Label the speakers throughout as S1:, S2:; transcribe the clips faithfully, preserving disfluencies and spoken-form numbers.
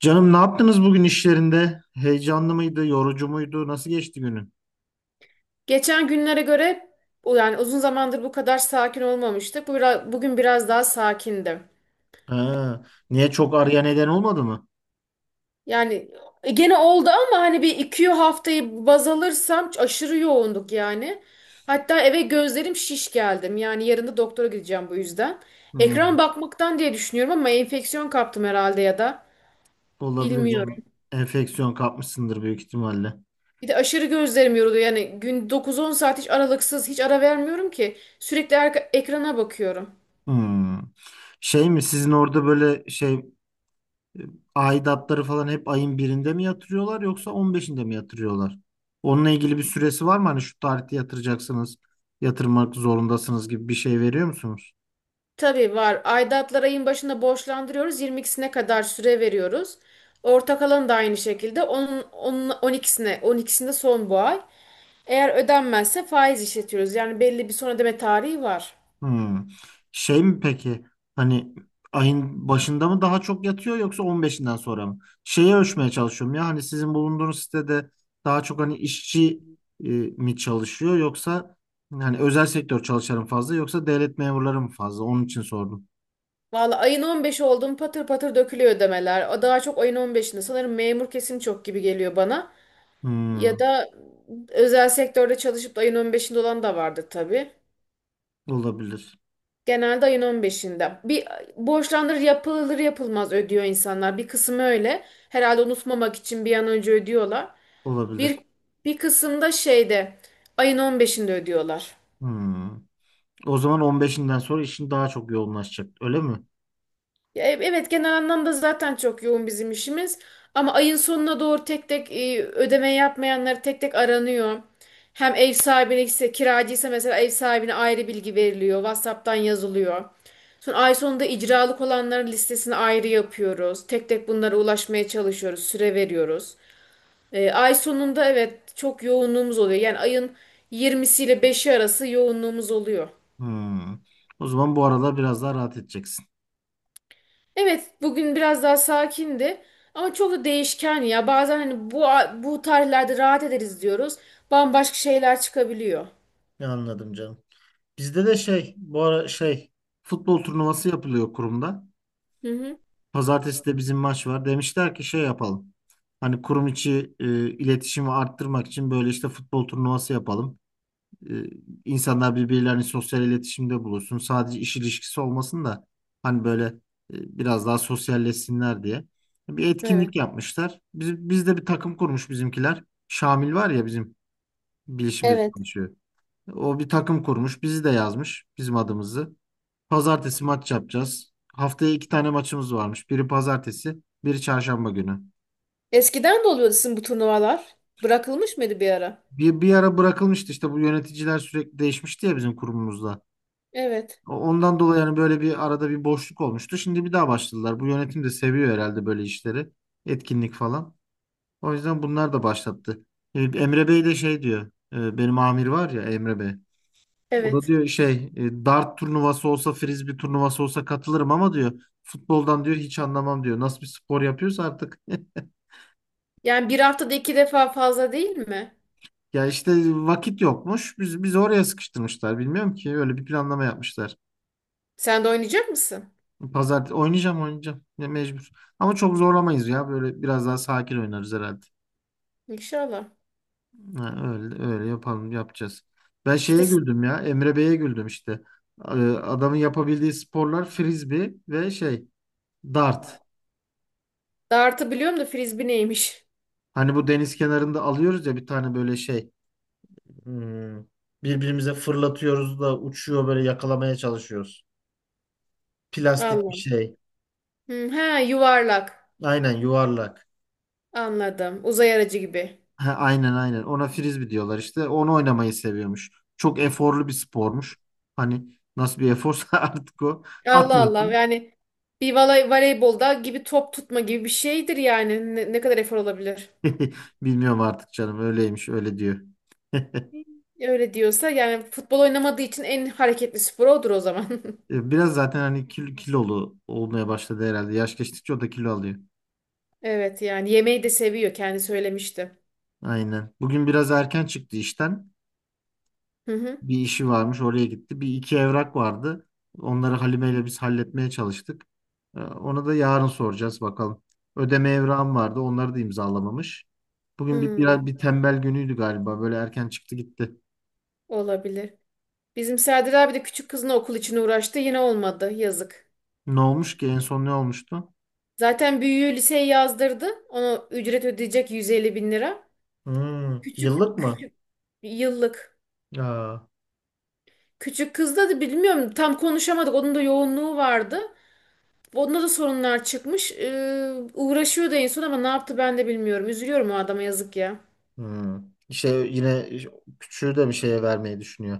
S1: Canım ne yaptınız bugün işlerinde? Heyecanlı mıydı, yorucu muydu? Nasıl geçti günün?
S2: Geçen günlere göre o yani uzun zamandır bu kadar sakin olmamıştık. Bu biraz, bugün biraz daha sakindim.
S1: Ha, niye çok ağrıya neden olmadı mı?
S2: Yani e, gene oldu ama hani bir iki haftayı baz alırsam aşırı yoğunduk yani. Hatta eve gözlerim şiş geldim. Yani yarın da doktora gideceğim bu yüzden.
S1: Hmm,
S2: Ekran bakmaktan diye düşünüyorum ama enfeksiyon kaptım herhalde ya da
S1: olabilir
S2: bilmiyorum.
S1: canım. Enfeksiyon kapmışsındır büyük ihtimalle.
S2: Bir de aşırı gözlerim yoruluyor. Yani gün dokuz on saat hiç aralıksız hiç ara vermiyorum ki. Sürekli arka- ekrana bakıyorum.
S1: Hmm. Şey mi sizin orada böyle şey e, aidatları falan hep ayın birinde mi yatırıyorlar yoksa on beşinde mi yatırıyorlar? Onunla ilgili bir süresi var mı? Hani şu tarihte yatıracaksınız, yatırmak zorundasınız gibi bir şey veriyor musunuz?
S2: Tabii var. Aidatları ayın başında borçlandırıyoruz. yirmi ikisine kadar süre veriyoruz. Ortak alanı da aynı şekilde. Onun, onun on ikisine, on ikisinde son bu ay. Eğer ödenmezse faiz işletiyoruz. Yani belli bir son ödeme tarihi var.
S1: Hmm. Şey mi peki hani ayın başında mı daha çok yatıyor yoksa on beşinden sonra mı? Şeyi ölçmeye çalışıyorum ya hani sizin bulunduğunuz sitede daha çok hani işçi e, mi çalışıyor yoksa hani özel sektör çalışanı mı fazla yoksa devlet memurları mı fazla? Onun için sordum.
S2: Valla ayın on beşi oldu mu patır patır dökülüyor ödemeler. O daha çok ayın on beşinde. Sanırım memur kesim çok gibi geliyor bana. Ya
S1: Hmm.
S2: da özel sektörde çalışıp da ayın on beşinde olan da vardır tabii.
S1: Olabilir.
S2: Genelde ayın on beşinde. Bir borçlandır yapılır yapılmaz ödüyor insanlar. Bir kısmı öyle. Herhalde unutmamak için bir an önce ödüyorlar. Bir
S1: Olabilir.
S2: bir kısımda şeyde ayın on beşinde ödüyorlar.
S1: Hmm. O zaman on beşinden sonra işin daha çok yoğunlaşacak öyle mi?
S2: Ya, e- evet genel anlamda zaten çok yoğun bizim işimiz. Ama ayın sonuna doğru tek tek e, ödeme yapmayanlar tek tek aranıyor. Hem ev sahibine ise kiracıysa mesela ev sahibine ayrı bilgi veriliyor. WhatsApp'tan yazılıyor. Sonra ay sonunda icralık olanların listesini ayrı yapıyoruz. Tek tek bunlara ulaşmaya çalışıyoruz. Süre veriyoruz. E, ay sonunda evet çok yoğunluğumuz oluyor. Yani ayın yirmisi ile beşi arası yoğunluğumuz oluyor.
S1: Hmm. O zaman bu aralar biraz daha rahat edeceksin.
S2: Evet, bugün biraz daha sakindi ama çok da değişken ya. Bazen hani bu bu tarihlerde rahat ederiz diyoruz. Bambaşka şeyler çıkabiliyor.
S1: Ya, anladım canım. Bizde de şey bu ara şey futbol turnuvası yapılıyor kurumda.
S2: Hı hı.
S1: Pazartesi de bizim maç var. Demişler ki şey yapalım. Hani kurum içi e, iletişimi arttırmak için böyle işte futbol turnuvası yapalım. E, insanlar birbirlerini sosyal iletişimde bulursun. Sadece iş ilişkisi olmasın da hani böyle e, biraz daha sosyalleşsinler diye. Bir
S2: Evet.
S1: etkinlik yapmışlar. Biz, biz de bir takım kurmuş bizimkiler. Şamil var ya bizim bilişimde
S2: Evet.
S1: çalışıyor. O bir takım kurmuş. Bizi de yazmış bizim adımızı. Pazartesi maç yapacağız. Haftaya iki tane maçımız varmış. Biri pazartesi, biri çarşamba günü.
S2: Eskiden de oluyordu sizin bu turnuvalar. Bırakılmış mıydı bir ara?
S1: Bir, bir ara bırakılmıştı işte bu yöneticiler sürekli değişmişti ya bizim kurumumuzda.
S2: Evet.
S1: O- Ondan dolayı yani böyle bir arada bir boşluk olmuştu. Şimdi bir daha başladılar. Bu yönetim de seviyor herhalde böyle işleri. Etkinlik falan. O yüzden bunlar da başlattı. E, Emre Bey de şey diyor. e, Benim amir var ya Emre Bey. O da
S2: Evet.
S1: diyor şey e, dart turnuvası olsa frisbee turnuvası olsa katılırım ama diyor futboldan diyor hiç anlamam diyor. Nasıl bir spor yapıyorsa artık.
S2: Yani bir haftada iki defa fazla değil mi?
S1: Ya işte vakit yokmuş. Biz biz oraya sıkıştırmışlar. Bilmiyorum ki öyle bir planlama yapmışlar.
S2: Sen de oynayacak mısın?
S1: Pazartesi oynayacağım oynayacağım. Ya mecbur. Ama çok zorlamayız ya. Böyle biraz daha sakin oynarız herhalde.
S2: İnşallah.
S1: Ha, öyle öyle yapalım yapacağız. Ben şeye
S2: İşte s-
S1: güldüm ya. Emre Bey'e güldüm işte. Ee, Adamın yapabildiği sporlar frisbee ve şey dart.
S2: dartı biliyorum da frisbee neymiş?
S1: Hani bu deniz kenarında alıyoruz ya bir tane böyle şey. Hmm, Birbirimize fırlatıyoruz da uçuyor böyle yakalamaya çalışıyoruz. Plastik bir
S2: Allahım.
S1: şey.
S2: Hı, ha, yuvarlak.
S1: Aynen yuvarlak.
S2: Anladım. Uzay aracı gibi.
S1: Ha, aynen aynen. Ona frisbee diyorlar işte. Onu oynamayı seviyormuş. Çok eforlu bir spormuş. Hani nasıl bir eforsa artık o.
S2: Allah Allah,
S1: Atıyorsun.
S2: yani bir voley- voleybolda gibi top tutma gibi bir şeydir yani ne, ne kadar efor olabilir?
S1: Bilmiyorum artık canım. Öyleymiş, öyle diyor.
S2: Öyle diyorsa yani futbol oynamadığı için en hareketli spor odur o zaman.
S1: E, Biraz zaten hani kil- kilolu olmaya başladı herhalde. Yaş geçtikçe o da kilo alıyor.
S2: Evet, yani yemeği de seviyor, kendi söylemişti.
S1: Aynen. Bugün biraz erken çıktı işten.
S2: Hı hı.
S1: Bir işi varmış oraya gitti. Bir iki evrak vardı. Onları Halime ile biz halletmeye çalıştık. Ee, Ona da yarın soracağız bakalım. Ödeme evrağım vardı. Onları da imzalamamış. Bugün bir, biraz
S2: Hmm,
S1: bir tembel günüydü galiba. Böyle erken çıktı gitti.
S2: olabilir. Bizim Serdar abi de küçük kızına okul için uğraştı, yine olmadı, yazık.
S1: Ne olmuş ki? En son ne olmuştu?
S2: Zaten büyüğü liseye yazdırdı. Ona ücret ödeyecek yüz elli bin lira.
S1: Hmm,
S2: Küçük
S1: yıllık mı?
S2: küçük yıllık.
S1: Aa.
S2: Küçük kızda da bilmiyorum, tam konuşamadık. Onun da yoğunluğu vardı. Onda da sorunlar çıkmış. Ee, uğraşıyordu en son ama ne yaptı ben de bilmiyorum. Üzülüyorum, o adama yazık ya.
S1: Hmm. İşte yine küçüğü de bir şeye vermeyi düşünüyor.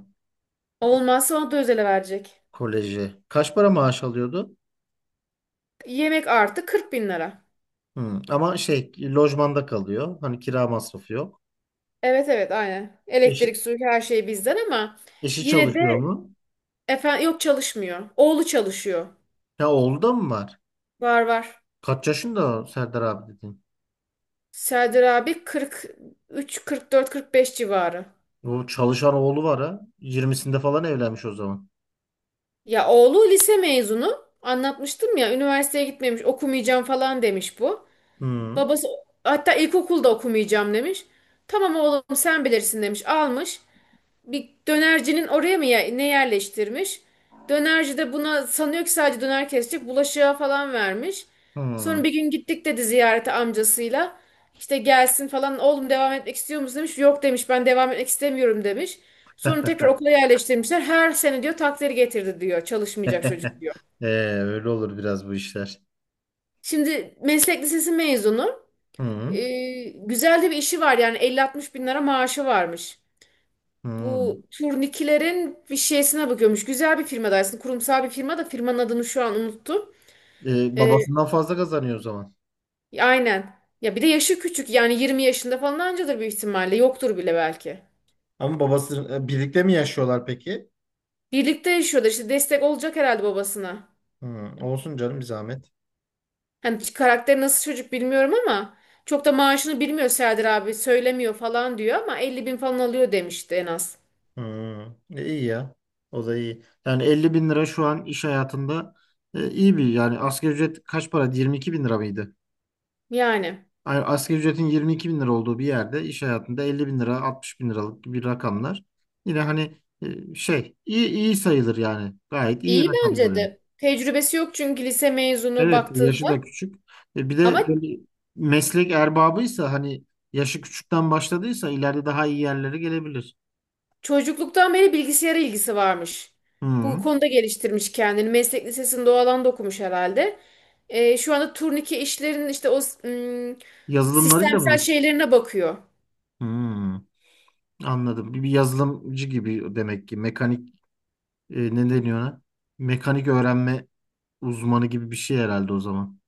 S2: Olmazsa ona da özele verecek.
S1: Koleji. Kaç para maaş alıyordu?
S2: Yemek artı kırk bin lira.
S1: Hmm. Ama şey lojmanda kalıyor. Hani kira masrafı yok.
S2: Evet, evet, aynen.
S1: Eşi,
S2: Elektrik, su, her şey bizden ama
S1: eşi
S2: yine de,
S1: çalışıyor mu?
S2: efendim, yok, çalışmıyor. Oğlu çalışıyor.
S1: Ya oğlu da mı var?
S2: Var, var.
S1: Kaç yaşında o Serdar abi dedin?
S2: Serdar abi kırk üç, kırk dört, kırk beş civarı.
S1: O çalışan oğlu var ha. Yirmisinde falan evlenmiş o zaman.
S2: Ya oğlu lise mezunu. Anlatmıştım ya, üniversiteye gitmemiş, okumayacağım falan demiş bu.
S1: Hı.
S2: Babası hatta ilkokulda okumayacağım demiş. Tamam oğlum sen bilirsin demiş. Almış. Bir dönercinin oraya mı ye- ne yerleştirmiş? Dönerci de buna sanıyor ki sadece döner kesecek. Bulaşığa falan vermiş. Sonra
S1: Hı.
S2: bir gün gittik dedi ziyarete amcasıyla. İşte gelsin falan, oğlum devam etmek istiyor musun demiş. Yok demiş, ben devam etmek istemiyorum demiş. Sonra tekrar okula yerleştirmişler. Her sene diyor takdiri getirdi diyor. Çalışmayacak çocuk diyor.
S1: Ee, Öyle olur biraz bu işler.
S2: Şimdi meslek lisesi mezunu.
S1: Hı.
S2: Ee, güzel de bir işi var, yani elli altmış bin lira maaşı varmış.
S1: Hı.
S2: Bu turnikilerin bir şeysine bakıyormuş. Güzel bir firma aslında, kurumsal bir firma da, firmanın adını şu an unuttum.
S1: Ee,
S2: Ee,
S1: babasından fazla kazanıyor o zaman.
S2: aynen. Ya bir de yaşı küçük, yani yirmi yaşında falan ancadır büyük ihtimalle, yoktur bile belki.
S1: Ama babası e, birlikte mi yaşıyorlar peki?
S2: Birlikte yaşıyorlar, işte destek olacak herhalde babasına.
S1: Hı. Olsun canım bir zahmet.
S2: Hani karakteri nasıl çocuk bilmiyorum ama çok da maaşını bilmiyor Serdar abi, söylemiyor falan diyor ama elli bin falan alıyor demişti en az.
S1: Hı. E, iyi ya. O da iyi. Yani elli bin lira şu an iş hayatında e, iyi bir yani asgari ücret kaç para? Yirmi iki bin lira mıydı?
S2: Yani.
S1: Ay- Asgari ücretin yirmi iki bin lira olduğu bir yerde iş hayatında elli bin lira altmış bin liralık gibi rakamlar yine hani e, şey iyi, iyi sayılır yani gayet iyi
S2: İyi
S1: rakamlar,
S2: bence
S1: yani.
S2: de. Tecrübesi yok çünkü, lise mezunu
S1: Evet yaşı da
S2: baktığında.
S1: küçük. E, bir
S2: Ama
S1: de böyle meslek erbabıysa hani yaşı küçükten başladıysa ileride daha iyi yerlere gelebilir.
S2: çocukluktan beri bilgisayara ilgisi varmış.
S1: Hı.
S2: Bu konuda geliştirmiş kendini. Meslek lisesinde o alanda okumuş herhalde. Ee, şu anda turnike işlerinin işte o ım,
S1: Yazılımlarıyla
S2: sistemsel
S1: vurur.
S2: şeylerine bakıyor.
S1: Hı. Anladım. Bir bir yazılımcı gibi demek ki mekanik e, ne deniyor ona? Mekanik öğrenme uzmanı gibi bir şey herhalde o zaman.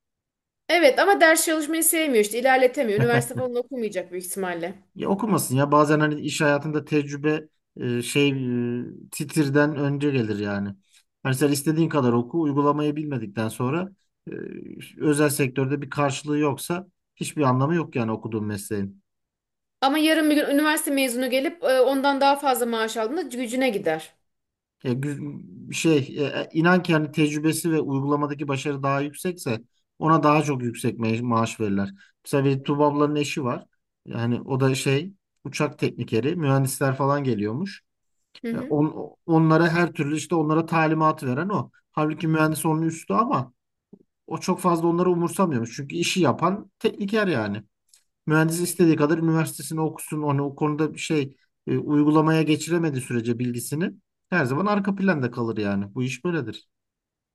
S2: Evet ama ders çalışmayı sevmiyor, işte ilerletemiyor. Üniversite falan okumayacak büyük ihtimalle.
S1: Ya okumasın ya bazen hani iş hayatında tecrübe e, şey e, titirden önce gelir yani. Hani sen istediğin kadar oku uygulamayı bilmedikten sonra e, özel sektörde bir karşılığı yoksa hiçbir anlamı yok yani okuduğun mesleğin.
S2: Ama yarın bir gün üniversite mezunu gelip e, ondan daha fazla maaş aldığında gücüne gider.
S1: E, gü- şey e, e, inan ki hani tecrübesi ve uygulamadaki başarı daha yüksekse ona daha çok yüksek me- maaş verirler. Mesela bir Tuğba ablanın eşi var. Yani o da şey uçak teknikeri mühendisler falan geliyormuş.
S2: Hı
S1: E,
S2: hı.
S1: on- onlara her türlü işte onlara talimat veren o. Halbuki mühendis onun üstü ama o çok fazla onları umursamıyormuş. Çünkü işi yapan tekniker yani. Mühendis istediği kadar üniversitesini okusun. Onu o konuda bir şey e, uygulamaya geçiremediği sürece bilgisini her zaman arka planda kalır yani. Bu iş böyledir.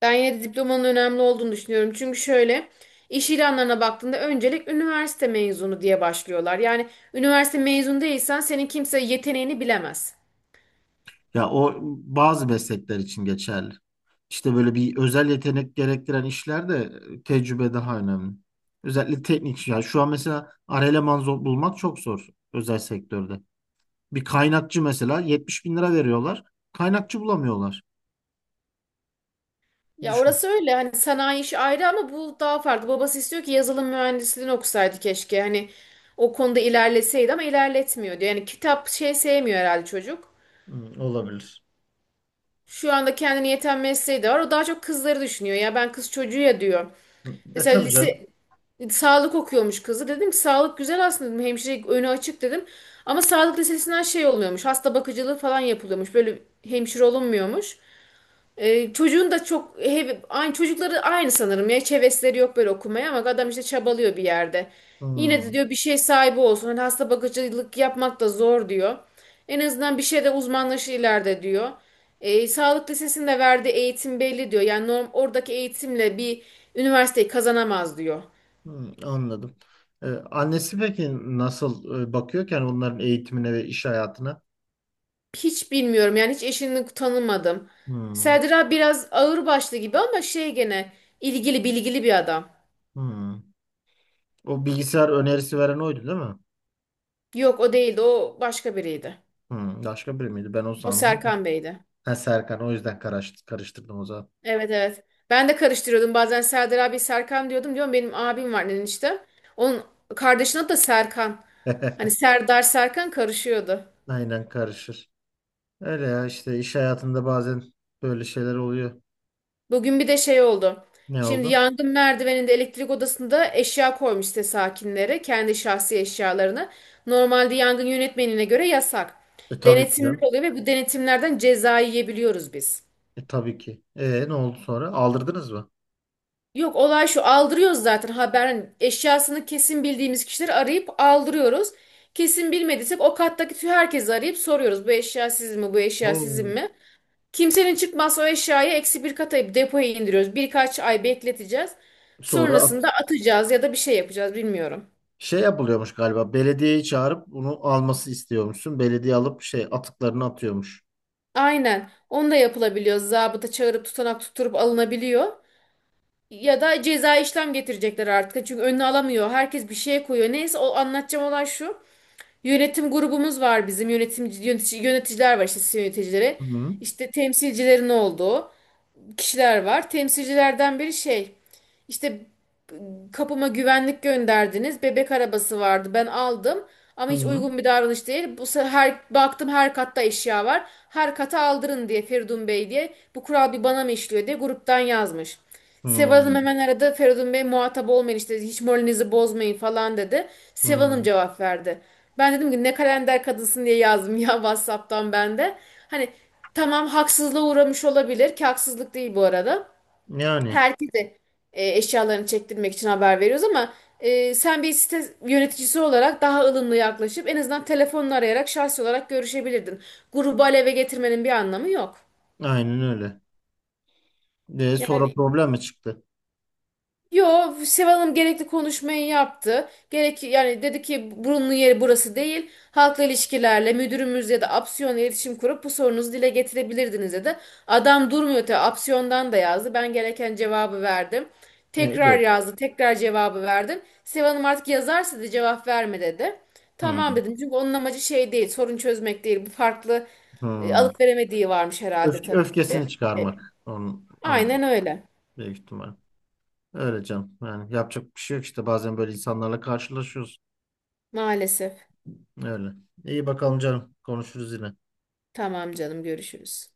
S2: Ben yine de diplomanın önemli olduğunu düşünüyorum. Çünkü şöyle, iş ilanlarına baktığında öncelik üniversite mezunu diye başlıyorlar. Yani üniversite mezunu değilsen senin kimse yeteneğini bilemez.
S1: Ya o bazı meslekler için geçerli. İşte böyle bir özel yetenek gerektiren işlerde e, tecrübe daha önemli. Özellikle teknik. Yani şu an mesela ar eleman zor- bulmak çok zor özel sektörde. Bir kaynakçı mesela yetmiş bin lira veriyorlar. Kaynakçı bulamıyorlar.
S2: Ya
S1: Düşün.
S2: orası öyle, hani sanayi işi ayrı ama bu daha farklı. Babası istiyor ki yazılım mühendisliğini okusaydı keşke. Hani o konuda ilerleseydi ama ilerletmiyor diyor. Yani kitap, şey, sevmiyor herhalde çocuk.
S1: Hmm, olabilir.
S2: Şu anda kendine yeten mesleği de var. O daha çok kızları düşünüyor. Ya ben kız çocuğu ya diyor.
S1: Hmm, E
S2: Mesela
S1: Tabii
S2: lise
S1: canım.
S2: sağlık okuyormuş kızı. Dedim ki sağlık güzel aslında dedim. Hemşire önü açık dedim. Ama sağlık lisesinden şey olmuyormuş. Hasta bakıcılığı falan yapılıyormuş. Böyle hemşire olunmuyormuş. Ee, çocuğun da çok hep, aynı çocukları aynı sanırım ya, hiç hevesleri yok böyle okumaya ama adam işte çabalıyor bir yerde. Yine de
S1: Hmm,
S2: diyor bir şey sahibi olsun. Hani hasta bakıcılık yapmak da zor diyor. En azından bir şeyde uzmanlaşır ileride diyor. Ee, sağlık lisesinde verdiği eğitim belli diyor. Yani norm, oradaki eğitimle bir üniversiteyi kazanamaz diyor.
S1: hmm, Anladım. E, annesi peki nasıl e, bakıyor ki yani onların eğitimine ve iş hayatına?
S2: Hiç bilmiyorum, yani hiç eşini tanımadım.
S1: Hmm,
S2: Serdar abi biraz ağırbaşlı gibi ama şey, gene ilgili, bilgili bir adam.
S1: hmm. O bilgisayar önerisi veren oydu değil mi?
S2: Yok, o değildi, o başka biriydi.
S1: Hmm, başka biri miydi? Ben o
S2: O
S1: sandım.
S2: Serkan Bey'di.
S1: Ha Serkan o yüzden karış- karıştırdım o zaman.
S2: Evet, evet. Ben de karıştırıyordum. Bazen Serdar abi Serkan diyordum. Diyorum benim abim var işte. Onun kardeşinin adı da Serkan. Hani Serdar, Serkan karışıyordu.
S1: Aynen karışır. Öyle ya işte iş hayatında bazen böyle şeyler oluyor.
S2: Bugün bir de şey oldu.
S1: Ne
S2: Şimdi
S1: oldu?
S2: yangın merdiveninde, elektrik odasında eşya koymuş site sakinleri. Kendi şahsi eşyalarını. Normalde yangın yönetmenine göre yasak.
S1: E tabii ki
S2: Denetimler
S1: canım.
S2: oluyor ve bu denetimlerden ceza yiyebiliyoruz biz.
S1: E, tabii ki. E, ne oldu sonra? Aldırdınız mı?
S2: Yok, olay şu, aldırıyoruz zaten haber, hani eşyasını kesin bildiğimiz kişileri arayıp aldırıyoruz. Kesin bilmediysek o kattaki tüm herkesi arayıp soruyoruz, bu eşya sizin mi, bu eşya sizin
S1: Oo.
S2: mi? Kimsenin çıkmazsa o eşyayı eksi bir kata, depoya indiriyoruz. Birkaç ay bekleteceğiz.
S1: Sonra
S2: Sonrasında atacağız ya da bir şey yapacağız, bilmiyorum.
S1: şey yapılıyormuş galiba. Belediyeyi çağırıp bunu alması istiyormuşsun. Belediye alıp şey atıklarını atıyormuş.
S2: Aynen, onu da yapılabiliyor. Zabıta çağırıp tutanak tutturup alınabiliyor. Ya da ceza işlem getirecekler artık. Çünkü önüne alamıyor. Herkes bir şeye koyuyor. Neyse, o anlatacağım olay şu. Yönetim grubumuz var bizim, yönetimci yönetici, yöneticiler var, işte site yöneticileri.
S1: Hı.
S2: İşte temsilcilerin olduğu kişiler var. Temsilcilerden biri şey, işte, kapıma güvenlik gönderdiniz. Bebek arabası vardı, ben aldım ama hiç
S1: Hı.
S2: uygun bir davranış değil. Bu sefer her, baktım her katta eşya var. Her kata aldırın diye Feridun Bey diye, bu kural bir bana mı işliyor diye gruptan yazmış. Seval Hanım
S1: Hı.
S2: hemen aradı. Feridun Bey muhatap olmayın, işte hiç moralinizi bozmayın falan dedi. Seval Hanım
S1: Hı.
S2: cevap verdi. Ben dedim ki ne kalender kadınsın diye yazdım ya, WhatsApp'tan ben de. Hani tamam, haksızlığa uğramış olabilir ki haksızlık değil bu arada.
S1: Yani
S2: Herkese e, eşyalarını çektirmek için haber veriyoruz ama e, sen bir site yöneticisi olarak daha ılımlı yaklaşıp en azından telefonla arayarak şahsi olarak görüşebilirdin. Grubu aleve getirmenin bir anlamı yok.
S1: aynen öyle. E, sonra
S2: Yani,
S1: problem mi çıktı?
S2: yo, Seval Hanım gerekli konuşmayı yaptı. Gerek yani, dedi ki burunlu yeri burası değil. Halkla ilişkilerle müdürümüz ya da Apsiyon'la iletişim kurup bu sorunuzu dile getirebilirdiniz dedi. Adam durmuyor tabii, Apsiyon'dan da yazdı. Ben gereken cevabı verdim.
S1: Ne?
S2: Tekrar
S1: Yok.
S2: yazdı, tekrar cevabı verdim. Seval Hanım artık yazarsa da cevap verme dedi.
S1: Hı.
S2: Tamam dedim çünkü onun amacı şey değil, sorun çözmek değil. Bu farklı e,
S1: Hı.
S2: alıp veremediği varmış herhalde
S1: Öfke,
S2: tabii.
S1: öfkesini
S2: E,
S1: çıkarmak. Onun, ama
S2: Aynen öyle.
S1: büyük ihtimal. Öyle canım. Yani yapacak bir şey yok işte. Bazen böyle insanlarla karşılaşıyoruz.
S2: Maalesef.
S1: Öyle. İyi bakalım canım. Konuşuruz yine.
S2: Tamam canım, görüşürüz.